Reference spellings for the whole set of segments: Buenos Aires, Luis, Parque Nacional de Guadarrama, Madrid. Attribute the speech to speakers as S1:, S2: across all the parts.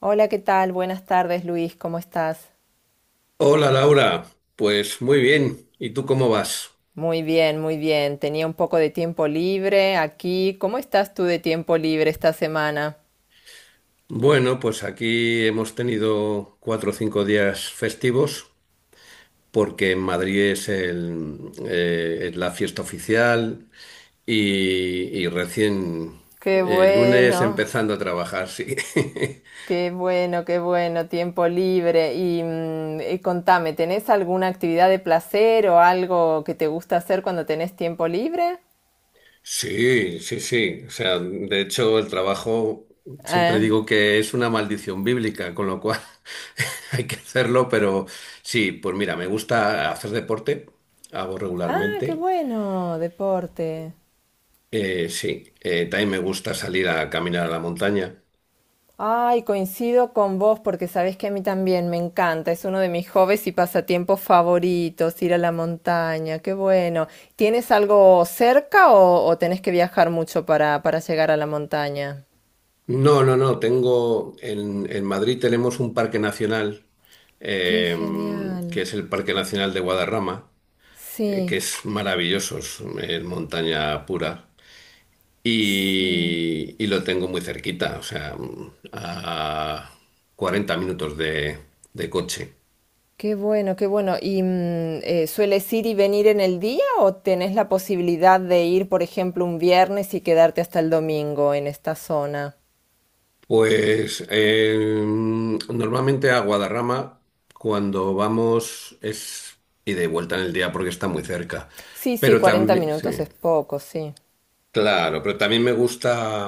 S1: Hola, ¿qué tal? Buenas tardes, Luis, ¿cómo estás?
S2: Hola Laura, pues muy bien. ¿Y tú cómo vas?
S1: Muy bien, muy bien. Tenía un poco de tiempo libre aquí. ¿Cómo estás tú de tiempo libre esta semana?
S2: Bueno, pues aquí hemos tenido 4 o 5 días festivos porque en Madrid es la fiesta oficial y, y recién
S1: Qué
S2: lunes
S1: bueno,
S2: empezando a trabajar, sí.
S1: qué bueno, qué bueno, tiempo libre. Y contame, ¿tenés alguna actividad de placer o algo que te gusta hacer cuando tenés tiempo libre?
S2: Sí, sí, sí. O sea, de hecho, el trabajo siempre
S1: Ah,
S2: digo que es una maldición bíblica, con lo cual hay que hacerlo, pero sí, pues mira, me gusta hacer deporte, hago
S1: ah, qué
S2: regularmente.
S1: bueno, deporte.
S2: Sí, también me gusta salir a caminar a la montaña.
S1: Ay, coincido con vos porque sabés que a mí también me encanta, es uno de mis hobbies y pasatiempos favoritos, ir a la montaña, qué bueno. ¿Tienes algo cerca o tenés que viajar mucho para llegar a la montaña?
S2: No, no, no, en Madrid tenemos un parque nacional,
S1: Qué
S2: eh, que
S1: genial.
S2: es el Parque Nacional de Guadarrama, que
S1: Sí,
S2: es maravilloso, es montaña pura.
S1: sí.
S2: Y lo tengo muy cerquita, o sea, a 40 minutos de coche.
S1: Qué bueno, qué bueno. ¿Y sueles ir y venir en el día o tenés la posibilidad de ir, por ejemplo, un viernes y quedarte hasta el domingo en esta zona?
S2: Pues normalmente a Guadarrama, cuando vamos, es ida y vuelta en el día porque está muy cerca.
S1: Sí, sí.
S2: Pero
S1: 40
S2: también,
S1: minutos
S2: sí,
S1: es poco, sí.
S2: claro, pero también me gusta,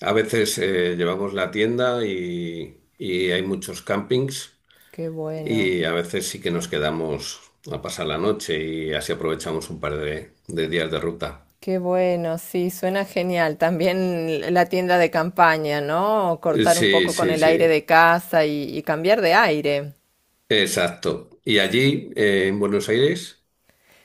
S2: a veces llevamos la tienda y hay muchos campings.
S1: Qué bueno,
S2: Y a veces sí que nos quedamos a pasar la noche y así aprovechamos un par de días de ruta.
S1: qué bueno, sí, suena genial. También la tienda de campaña, ¿no? Cortar un
S2: Sí,
S1: poco con
S2: sí,
S1: el aire de
S2: sí.
S1: casa y cambiar de aire.
S2: Exacto. ¿Y allí, en Buenos Aires?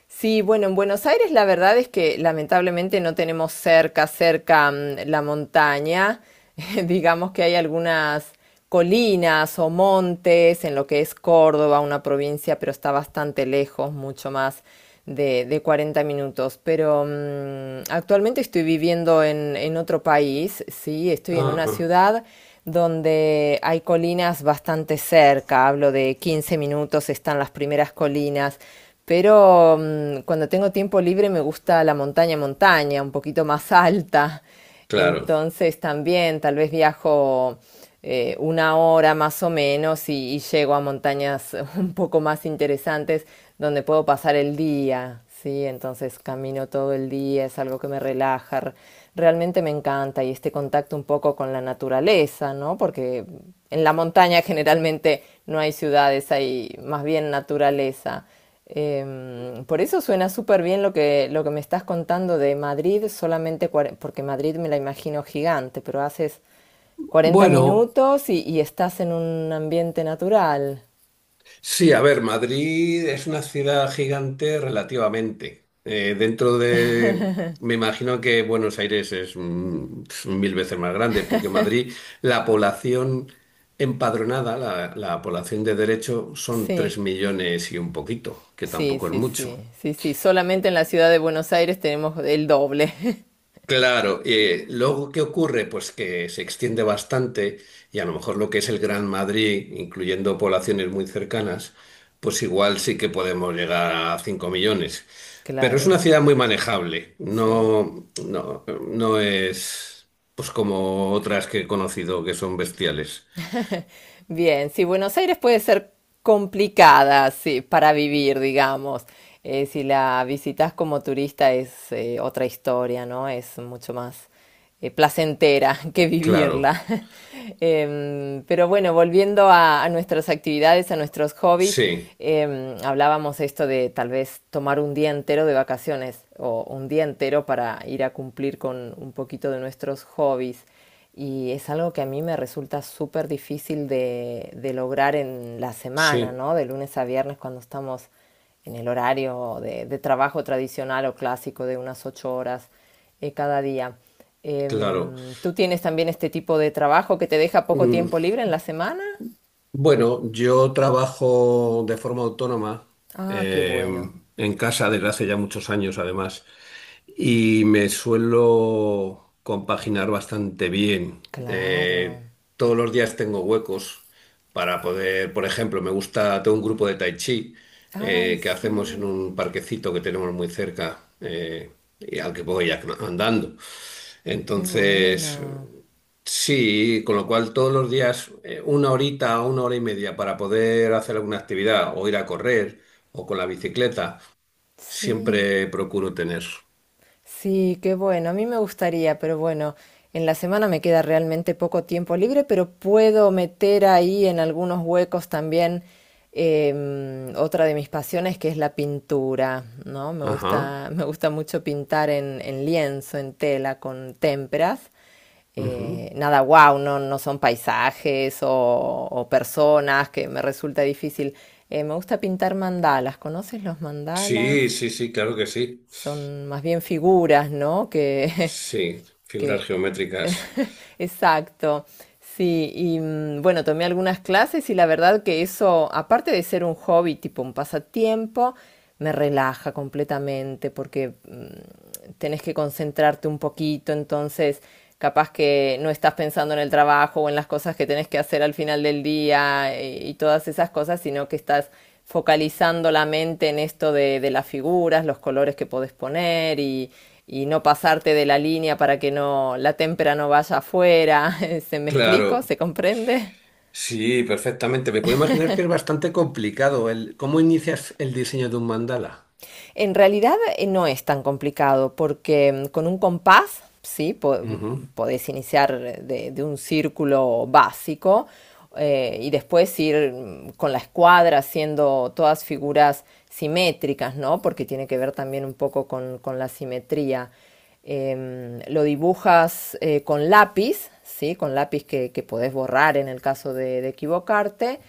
S1: Sí, bueno, en Buenos Aires la verdad es que lamentablemente no tenemos cerca, cerca la montaña. Digamos que hay algunas colinas o montes en lo que es Córdoba, una provincia, pero está bastante lejos, mucho más de 40 minutos. Pero actualmente estoy viviendo en otro país, sí, estoy en una
S2: Ajá,
S1: ciudad donde hay colinas bastante cerca, hablo de 15 minutos, están las primeras colinas pero cuando tengo tiempo libre me gusta la montaña, montaña, un poquito más alta.
S2: claro.
S1: Entonces también tal vez viajo una hora más o menos y llego a montañas un poco más interesantes donde puedo pasar el día. Sí, entonces camino todo el día, es algo que me relaja. Realmente me encanta y este contacto un poco con la naturaleza, ¿no? Porque en la montaña generalmente no hay ciudades, hay más bien naturaleza. Por eso suena súper bien lo que, me estás contando de Madrid, solamente porque Madrid me la imagino gigante, pero haces 40
S2: Bueno,
S1: minutos y estás en un ambiente natural.
S2: sí, a ver, Madrid es una ciudad gigante relativamente. Me imagino que Buenos Aires es 1000 veces más grande, porque Madrid, la población empadronada, la población de derecho, son
S1: Sí,
S2: 3 millones y un poquito, que
S1: sí,
S2: tampoco es
S1: sí, sí,
S2: mucho.
S1: sí, sí. Solamente en la ciudad de Buenos Aires tenemos el doble.
S2: Claro, luego, ¿qué ocurre? Pues que se extiende bastante y a lo mejor lo que es el Gran Madrid, incluyendo poblaciones muy cercanas, pues igual sí que podemos llegar a 5 millones. Pero es una
S1: Claro,
S2: ciudad muy manejable,
S1: sí.
S2: no, no, no es pues como otras que he conocido que son bestiales.
S1: Bien, sí, Buenos Aires puede ser complicada, sí, para vivir, digamos. Si la visitas como turista es otra historia, ¿no? Es mucho más placentera que
S2: Claro,
S1: vivirla. Pero bueno, volviendo a nuestras actividades, a nuestros hobbies,
S2: sí,
S1: hablábamos esto de tal vez tomar un día entero de vacaciones o un día entero para ir a cumplir con un poquito de nuestros hobbies. Y es algo que a mí me resulta súper difícil de lograr en la semana,
S2: sí,
S1: ¿no? De lunes a viernes cuando estamos en el horario de trabajo tradicional o clásico de unas 8 horas cada día.
S2: claro.
S1: ¿Tú tienes también este tipo de trabajo que te deja poco
S2: Mm,
S1: tiempo libre en la semana?
S2: Bueno, yo trabajo de forma autónoma
S1: Ah, qué
S2: eh,
S1: bueno.
S2: en casa desde hace ya muchos años, además, y me suelo compaginar bastante bien.
S1: Claro.
S2: Eh, todos los días tengo huecos para poder, por ejemplo, me gusta, tengo un grupo de tai chi
S1: Ay,
S2: que hacemos en
S1: sí,
S2: un parquecito que tenemos muy cerca, y al que voy andando.
S1: qué
S2: Entonces.
S1: bueno.
S2: Sí, con lo cual todos los días una horita o una hora y media para poder hacer alguna actividad o ir a correr o con la bicicleta,
S1: Sí.
S2: siempre procuro tener.
S1: Sí, qué bueno. A mí me gustaría, pero bueno, en la semana me queda realmente poco tiempo libre, pero puedo meter ahí en algunos huecos también otra de mis pasiones que es la pintura, ¿no? Me
S2: Ajá.
S1: gusta, me gusta mucho pintar en lienzo, en tela, con témperas.
S2: Ujú.
S1: Nada, wow, no, no son paisajes o personas que me resulta difícil. Me gusta pintar mandalas. ¿Conoces los mandalas?
S2: Sí, sí, sí, claro que sí.
S1: Son más bien figuras, ¿no? Que,
S2: Sí, figuras
S1: que,
S2: geométricas.
S1: exacto. Sí, y bueno, tomé algunas clases y la verdad que eso, aparte de ser un hobby, tipo un pasatiempo, me relaja completamente porque tenés que concentrarte un poquito, entonces capaz que no estás pensando en el trabajo o en las cosas que tenés que hacer al final del día y todas esas cosas, sino que estás focalizando la mente en esto de las figuras, los colores que podés poner y no pasarte de la línea para que no la témpera no vaya afuera. ¿Se me explico?
S2: Claro,
S1: ¿Se comprende?
S2: sí, perfectamente. Me puedo imaginar que es bastante complicado el cómo inicias el diseño de un mandala.
S1: En realidad no es tan complicado porque con un compás, sí,
S2: Ujú.
S1: podés iniciar de un círculo básico y después ir con la escuadra haciendo todas figuras simétricas, ¿no? Porque tiene que ver también un poco con la simetría. Lo dibujas con lápiz, ¿sí? Con lápiz que, podés borrar en el caso de equivocarte.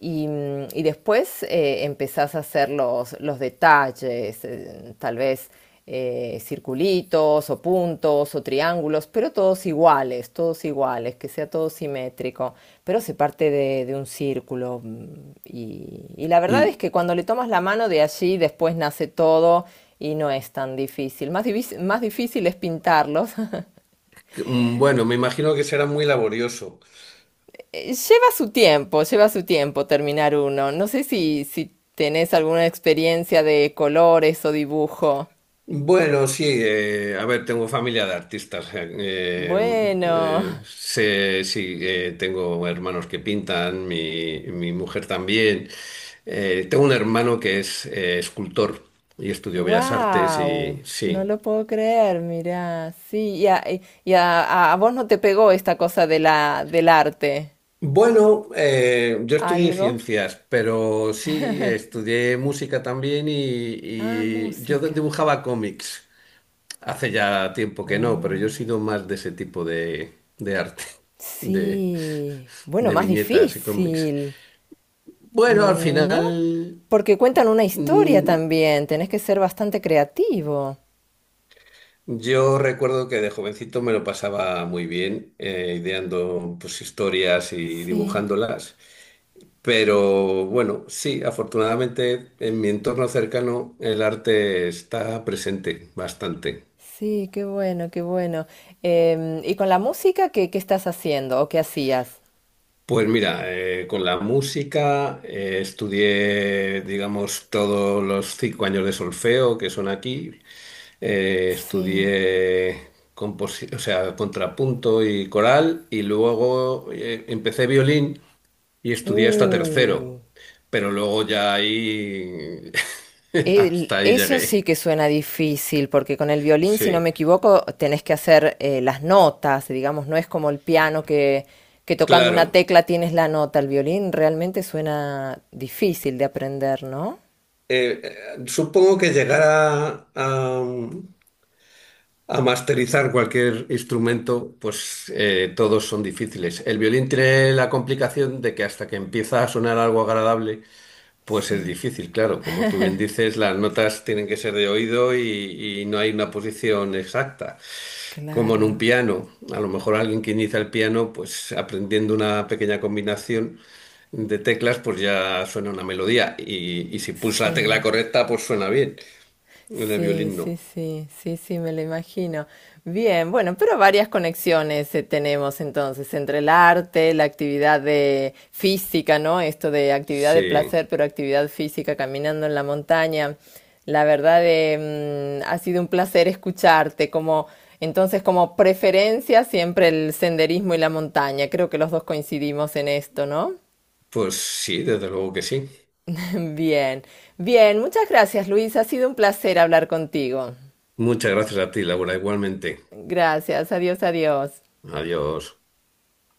S1: Y, y después empezás a hacer los detalles, tal vez circulitos o puntos todos o triángulos, pero todos iguales, que sea todo simétrico, pero se parte de un círculo y la verdad es
S2: Y
S1: que cuando le tomas la mano de allí después nace todo y no es tan difícil. Más, más difícil es pintarlos.
S2: bueno, me imagino que será muy laborioso.
S1: Lleva su tiempo terminar uno. No sé si tenés alguna experiencia de colores o dibujo.
S2: Bueno, sí, a ver, tengo familia de artistas. eh,
S1: Bueno.
S2: eh, sé- sí, tengo hermanos que pintan, mi mujer también. Tengo un hermano que es escultor y estudió Bellas Artes
S1: Wow,
S2: y
S1: no
S2: sí.
S1: lo puedo creer, mira, sí, y a, y- y a vos no te pegó esta cosa del arte,
S2: Bueno, yo estudié
S1: ¿algo?
S2: ciencias, pero sí, estudié música también y,
S1: Ah,
S2: y yo
S1: música.
S2: dibujaba cómics. Hace ya tiempo que no, pero
S1: Oh,
S2: yo he sido más de ese tipo de arte. De...
S1: sí, bueno,
S2: de
S1: más
S2: viñetas y cómics.
S1: difícil.
S2: Bueno, al
S1: Mm, ¿no?
S2: final
S1: Porque cuentan una historia
S2: mm,
S1: también, tenés que ser bastante creativo.
S2: yo recuerdo que de jovencito me lo pasaba muy bien ideando pues historias y
S1: Sí,
S2: dibujándolas, pero bueno, sí, afortunadamente en mi entorno cercano el arte está presente bastante.
S1: sí, qué bueno, qué bueno. ¿Y con la música qué, estás haciendo o qué hacías?
S2: Pues mira, con la música estudié, digamos, todos los 5 años de solfeo que son aquí.
S1: Sí.
S2: Estudié o sea, contrapunto y coral y luego empecé violín y estudié hasta
S1: Uh.
S2: tercero, pero luego ya ahí
S1: El-
S2: hasta ahí
S1: eso sí
S2: llegué.
S1: que suena difícil, porque con el violín, si no
S2: Sí,
S1: me equivoco, tenés que hacer las notas, digamos, no es como el piano que, tocando una
S2: claro.
S1: tecla tienes la nota. El violín realmente suena difícil de aprender, ¿no?
S2: Supongo que llegar a, masterizar cualquier instrumento, pues todos son difíciles. El violín tiene la complicación de que hasta que empieza a sonar algo agradable, pues es
S1: Sí,
S2: difícil, claro. Como tú bien dices, las notas tienen que ser de oído y no hay una posición exacta. Como en un
S1: claro,
S2: piano. A lo mejor alguien que inicia el piano, pues aprendiendo una pequeña combinación de teclas, pues ya suena una melodía. Y si pulsa la tecla
S1: sí.
S2: correcta, pues suena bien. En el
S1: Sí,
S2: violín
S1: sí,
S2: no.
S1: sí, sí, sí, me lo imagino. Bien, bueno, pero varias conexiones tenemos entonces entre el arte, la actividad de física, ¿no? Esto de actividad de
S2: Sí,
S1: placer, pero actividad física, caminando en la montaña. La verdad, ha sido un placer escucharte. Como, entonces, como preferencia, siempre el senderismo y la montaña. Creo que los dos coincidimos en esto, ¿no?
S2: pues sí, desde luego que sí.
S1: Bien, bien, muchas gracias, Luis. Ha sido un placer hablar contigo.
S2: Muchas gracias a ti, Laura, igualmente.
S1: Gracias, adiós, adiós.
S2: Adiós.